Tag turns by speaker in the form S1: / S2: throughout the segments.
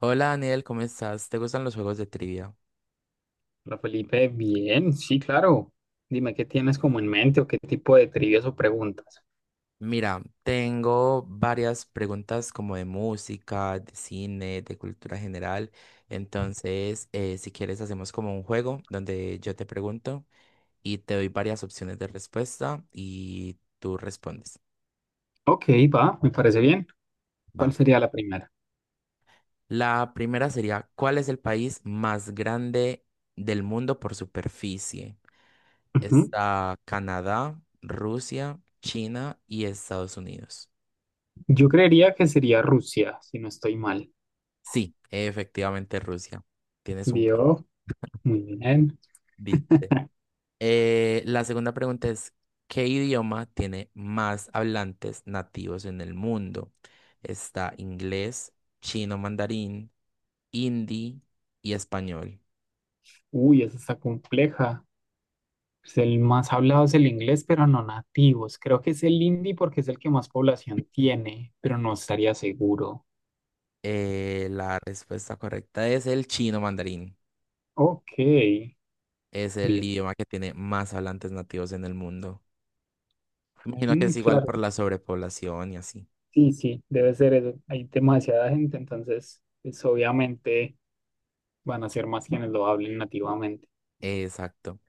S1: Hola Daniel, ¿cómo estás? ¿Te gustan los juegos de trivia?
S2: Hola Felipe, bien, sí, claro. Dime qué tienes como en mente o qué tipo de trivias o preguntas.
S1: Mira, tengo varias preguntas como de música, de cine, de cultura general. Entonces, si quieres, hacemos como un juego donde yo te pregunto y te doy varias opciones de respuesta y tú respondes.
S2: Ok, va, me parece bien. ¿Cuál
S1: Va.
S2: sería la primera?
S1: La primera sería, ¿cuál es el país más grande del mundo por superficie?
S2: Ujú.
S1: Está Canadá, Rusia, China y Estados Unidos.
S2: Yo creería que sería Rusia, si no estoy mal.
S1: Sí, efectivamente Rusia. Tienes un punto.
S2: Vio, muy bien.
S1: Viste. La segunda pregunta es, ¿qué idioma tiene más hablantes nativos en el mundo? Está inglés, chino mandarín, hindi y español.
S2: Uy, esa está compleja. Pues el más hablado es el inglés, pero no nativos. Creo que es el hindi porque es el que más población tiene, pero no estaría seguro.
S1: La respuesta correcta es el chino mandarín.
S2: Ok,
S1: Es el
S2: vio.
S1: idioma que tiene más hablantes nativos en el mundo. Imagino que
S2: Mm,
S1: es igual
S2: claro.
S1: por la sobrepoblación y así.
S2: Sí, sí, debe ser eso. Hay demasiada gente, entonces, pues obviamente van a ser más quienes lo hablen nativamente.
S1: Exacto.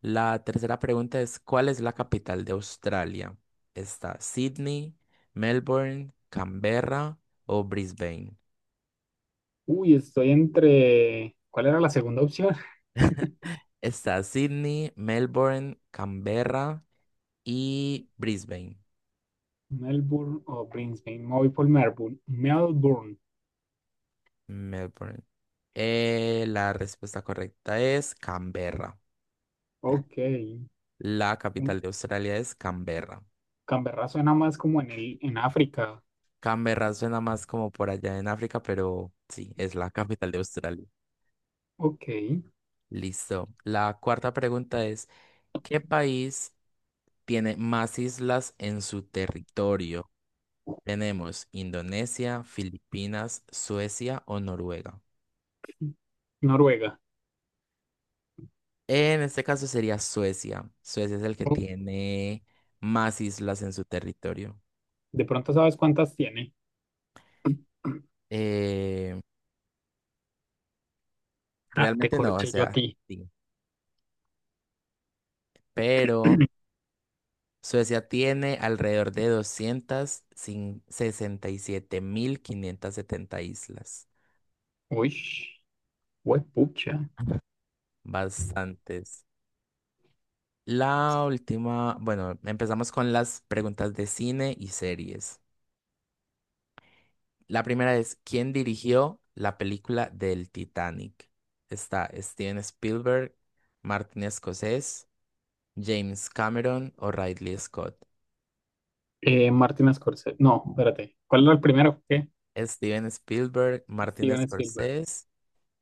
S1: La tercera pregunta es, ¿cuál es la capital de Australia? ¿Está Sydney, Melbourne, Canberra o Brisbane?
S2: Uy, estoy entre. ¿Cuál era la segunda opción?
S1: Está Sydney, Melbourne, Canberra y Brisbane.
S2: Melbourne o Brisbane. Me voy por Melbourne. Melbourne.
S1: Melbourne. La respuesta correcta es Canberra.
S2: Ok.
S1: La capital de Australia es Canberra.
S2: Canberra suena más como en el, en África.
S1: Canberra suena más como por allá en África, pero sí, es la capital de Australia.
S2: Ok.
S1: Listo. La cuarta pregunta es, ¿qué país tiene más islas en su territorio? Tenemos Indonesia, Filipinas, Suecia o Noruega.
S2: Noruega.
S1: En este caso sería Suecia. Suecia es el que
S2: Oh.
S1: tiene más islas en su territorio.
S2: ¿De pronto sabes cuántas tiene?
S1: Eh,
S2: Ah, te
S1: realmente no, o
S2: corché yo a
S1: sea,
S2: ti.
S1: sí. Pero Suecia tiene alrededor de 267.570 islas.
S2: Uy, huepucha.
S1: Bastantes. La última, bueno, empezamos con las preguntas de cine y series. La primera es, ¿quién dirigió la película del Titanic? Está Steven Spielberg, Martin Scorsese, James Cameron o Ridley Scott.
S2: Martin Scorsese. No, espérate. ¿Cuál era el primero? ¿Qué?
S1: Steven Spielberg, Martin
S2: Steven Spielberg.
S1: Scorsese,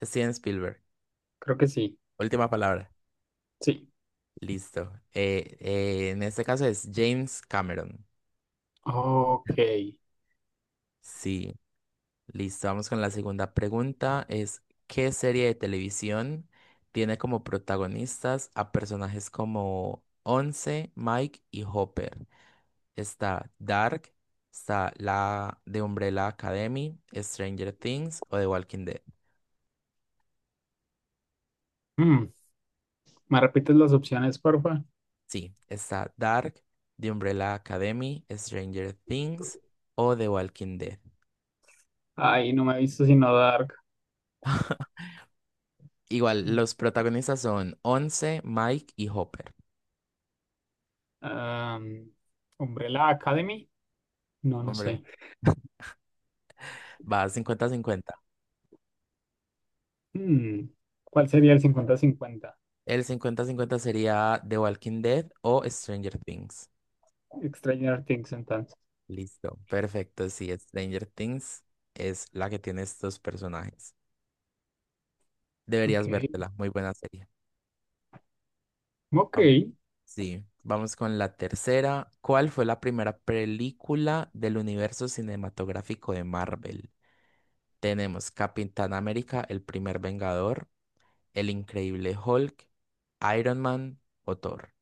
S1: Steven Spielberg.
S2: Creo que sí.
S1: Última palabra.
S2: Sí.
S1: Listo. En este caso es James Cameron.
S2: Ok.
S1: Sí. Listo, vamos con la segunda pregunta. Es, ¿qué serie de televisión tiene como protagonistas a personajes como Once, Mike y Hopper? Está Dark, está la de Umbrella Academy, Stranger Things o The Walking Dead.
S2: Mm, ¿me repites las opciones, porfa?
S1: Sí, está Dark, The Umbrella Academy, Stranger Things o The Walking Dead.
S2: Ay, no me he visto sino Dark.
S1: Igual,
S2: Mm,
S1: los protagonistas son Once, Mike y Hopper.
S2: am, Umbrella Academy. No, no
S1: Hombre,
S2: sé.
S1: va 50-50.
S2: Mm, ¿cuál sería el cincuenta-cincuenta?
S1: El 50-50 sería The Walking Dead o Stranger Things.
S2: Stranger Things, entonces.
S1: Listo, perfecto. Sí, Stranger Things es la que tiene estos personajes.
S2: Ok.
S1: Deberías vértela, muy buena serie.
S2: Ok.
S1: Vam- sí, vamos con la tercera. ¿Cuál fue la primera película del universo cinematográfico de Marvel? Tenemos Capitán América, El Primer Vengador, El Increíble Hulk, Iron Man o Thor.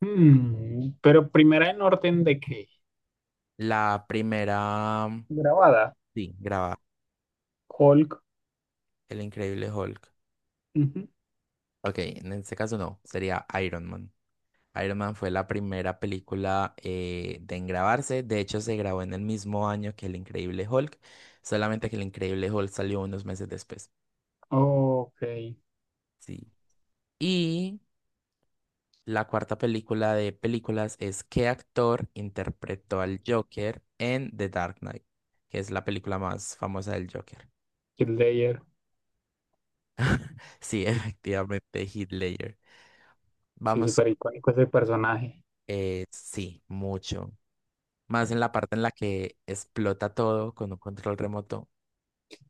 S2: Mm, ¿pero primera en orden de qué?
S1: La primera,
S2: Grabada.
S1: sí, graba
S2: Hulk.
S1: El Increíble Hulk.
S2: Ujú.
S1: Ok, en este caso no, sería Iron Man. Iron Man fue la primera película de en grabarse, de hecho se grabó en el mismo año que El Increíble Hulk, solamente que El Increíble Hulk salió unos meses después.
S2: Ok.
S1: Sí. Y la cuarta película de películas es, ¿qué actor interpretó al Joker en The Dark Knight? Que es la película más famosa del Joker.
S2: Heath Ledger.
S1: Sí, efectivamente, Heath Ledger.
S2: Sí,
S1: Vamos,
S2: súper icónico ese personaje.
S1: sí, mucho. Más en la parte en la que explota todo con un control remoto.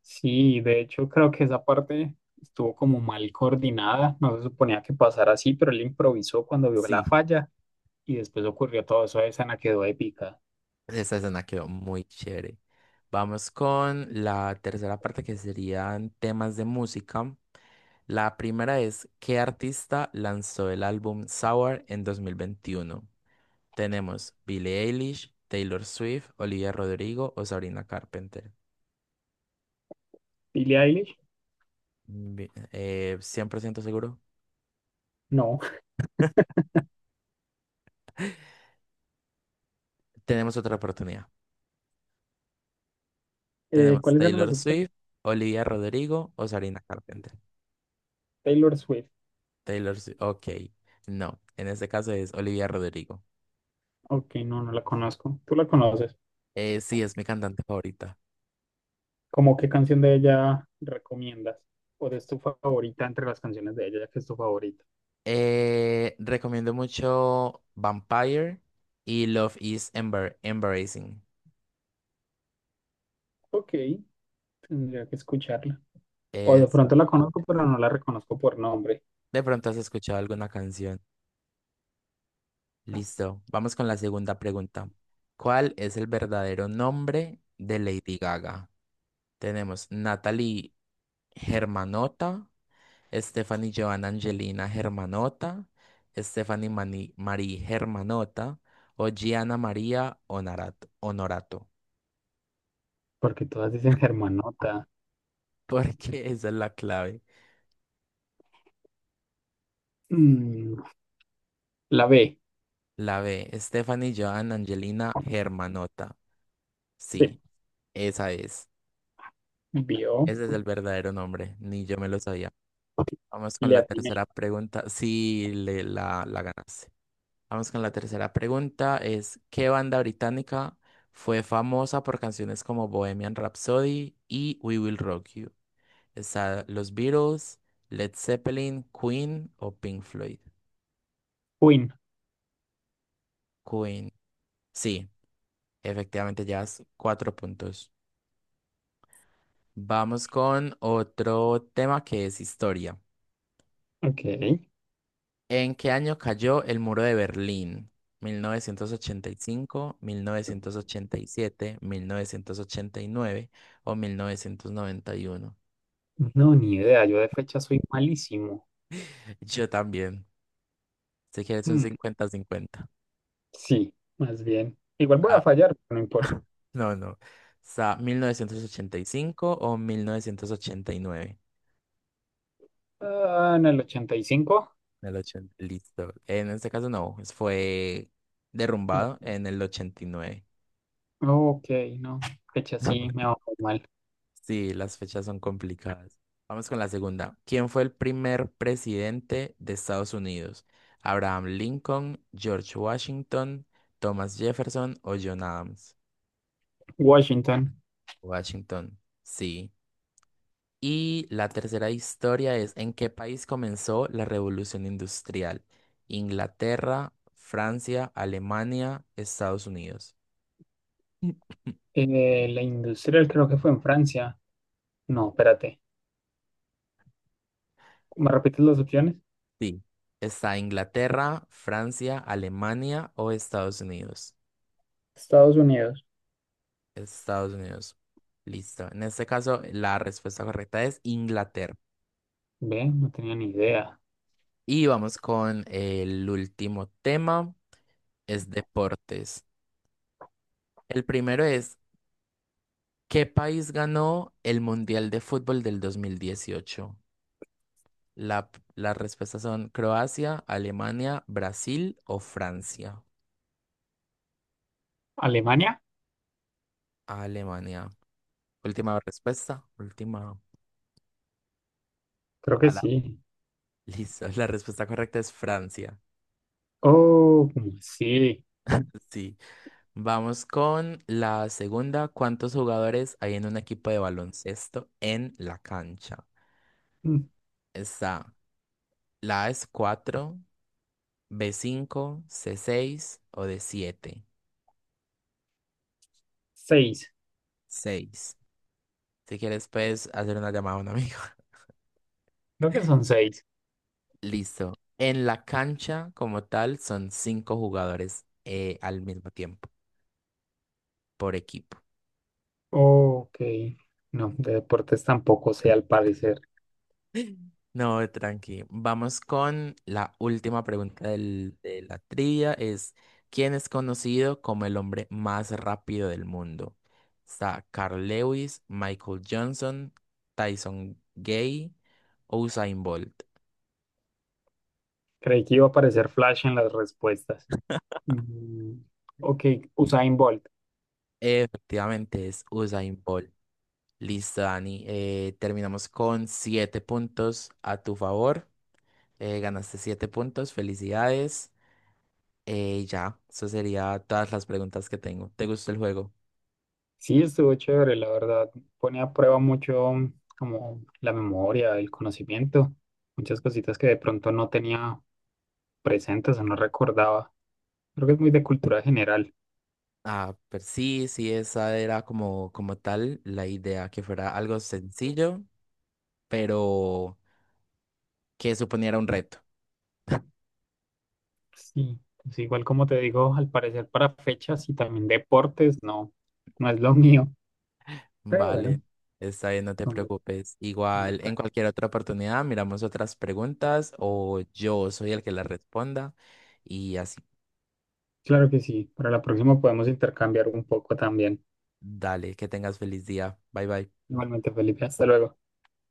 S2: Sí, de hecho creo que esa parte estuvo como mal coordinada, no se suponía que pasara así, pero él improvisó cuando vio la
S1: Sí.
S2: falla y después ocurrió todo eso, esa escena quedó épica.
S1: Esa escena quedó muy chévere. Vamos con la tercera parte que serían temas de música. La primera es, ¿qué artista lanzó el álbum Sour en 2021? Tenemos Billie Eilish, Taylor Swift, Olivia Rodrigo o Sabrina Carpenter.
S2: ¿Billie Eilish?
S1: 100% seguro.
S2: No.
S1: Tenemos otra oportunidad. Tenemos
S2: ¿Cuáles eran las
S1: Taylor
S2: opciones?
S1: Swift, Olivia Rodrigo o Sabrina Carpenter.
S2: Taylor Swift.
S1: Taylor Swift. Ok. No, en este caso es Olivia Rodrigo.
S2: Ok, no, no la conozco. ¿Tú la conoces?
S1: Sí, es mi cantante favorita.
S2: ¿Cómo qué canción de ella recomiendas? ¿O es tu favorita entre las canciones de ella, ya que es tu favorita?
S1: Recomiendo mucho Vampire y Love is Embarrassing.
S2: Ok, tendría que escucharla. O de
S1: Eso.
S2: pronto la conozco, pero no la reconozco por nombre,
S1: De pronto has escuchado alguna canción. Listo. Vamos con la segunda pregunta. ¿Cuál es el verdadero nombre de Lady Gaga? Tenemos Natalie Germanota, Stephanie Joan Angelina Germanota, Stephanie Marie Germanota o Gianna María Honorato,
S2: porque todas dicen Germanota.
S1: porque esa es la clave.
S2: Mm, la B.
S1: La B, Stephanie Joan Angelina Germanota.
S2: Sí.
S1: Sí, esa es.
S2: Vio.
S1: Ese es el verdadero nombre, ni yo me lo sabía. Vamos con
S2: Le
S1: la
S2: atiné.
S1: tercera pregunta. Sí, la ganaste. Vamos con la tercera pregunta, es, ¿qué banda británica fue famosa por canciones como Bohemian Rhapsody y We Will Rock You? ¿Está los Beatles, Led Zeppelin, Queen o Pink Floyd?
S2: Queen.
S1: Queen. Sí, efectivamente llevas cuatro puntos. Vamos con otro tema que es historia.
S2: Ok.
S1: ¿En qué año cayó el muro de Berlín? ¿1985, 1987, 1989 o 1991?
S2: No, ni idea. Yo de fecha soy malísimo.
S1: Yo también. Si quieres un
S2: Mm,
S1: 50-50.
S2: sí, más bien. Igual voy a
S1: Ah,
S2: fallar, no importa.
S1: no, no. O sea, 1985 o 1989.
S2: Ah, en el 85.
S1: El 80. Listo. En este caso no, fue derrumbado en el 89.
S2: Ok, no. Fecha sí, me va muy mal.
S1: Sí, las fechas son complicadas. Vamos con la segunda. ¿Quién fue el primer presidente de Estados Unidos? ¿Abraham Lincoln, George Washington, Thomas Jefferson o John Adams?
S2: Washington.
S1: Washington, sí. Y la tercera historia es, ¿en qué país comenzó la Revolución Industrial? Inglaterra, Francia, Alemania, Estados Unidos.
S2: La industrial creo que fue en Francia. No, espérate. ¿Me repites las opciones?
S1: Sí. ¿Está Inglaterra, Francia, Alemania o Estados Unidos?
S2: Estados Unidos.
S1: Estados Unidos. Listo. En este caso, la respuesta correcta es Inglaterra.
S2: Ve, no tenía ni idea.
S1: Y vamos con el último tema, es deportes. El primero es, ¿qué país ganó el Mundial de Fútbol del 2018? La, las respuestas son Croacia, Alemania, Brasil o Francia.
S2: ¿Alemania?
S1: Alemania. Última respuesta, última
S2: Creo que
S1: palabra.
S2: sí.
S1: Listo. La respuesta correcta es Francia.
S2: Oh, sí.
S1: Sí. Vamos con la segunda. ¿Cuántos jugadores hay en un equipo de baloncesto en la cancha?
S2: Mm,
S1: Está, la A es 4, b cinco, c 6 o d siete.
S2: seis,
S1: Seis. Si quieres, puedes hacer una llamada a un amigo.
S2: creo que son seis.
S1: Listo. En la cancha, como tal, son cinco jugadores al mismo tiempo, por equipo.
S2: Ok, no, de deportes tampoco sé al parecer.
S1: No, tranqui. Vamos con la última pregunta de la trivia. Es, ¿quién es conocido como el hombre más rápido del mundo? Está Carl Lewis, Michael Johnson, Tyson Gay, Usain Bolt.
S2: Creí que iba a aparecer Flash en las respuestas. Mm, ok, Usain Bolt.
S1: Efectivamente es Usain Bolt. Listo, Dani. Terminamos con siete puntos a tu favor. Ganaste siete puntos. Felicidades. Ya, eso sería todas las preguntas que tengo. ¿Te gustó el juego?
S2: Sí, estuvo chévere, la verdad. Pone a prueba mucho como la memoria, el conocimiento, muchas cositas que de pronto no tenía presentes o no recordaba. Creo que es muy de cultura general.
S1: Ah, pero sí, sí, esa era como, como tal la idea, que fuera algo sencillo, pero que suponiera un reto.
S2: Sí, pues igual como te digo, al parecer para fechas y también deportes, no, no es lo mío, pero bueno,
S1: Vale, está bien, no te
S2: vamos a
S1: preocupes. Igual, en
S2: intentar.
S1: cualquier otra oportunidad, miramos otras preguntas o yo soy el que las responda y así.
S2: Claro que sí, para la próxima podemos intercambiar un poco también.
S1: Dale, que tengas feliz día. Bye bye.
S2: Igualmente, Felipe, hasta luego.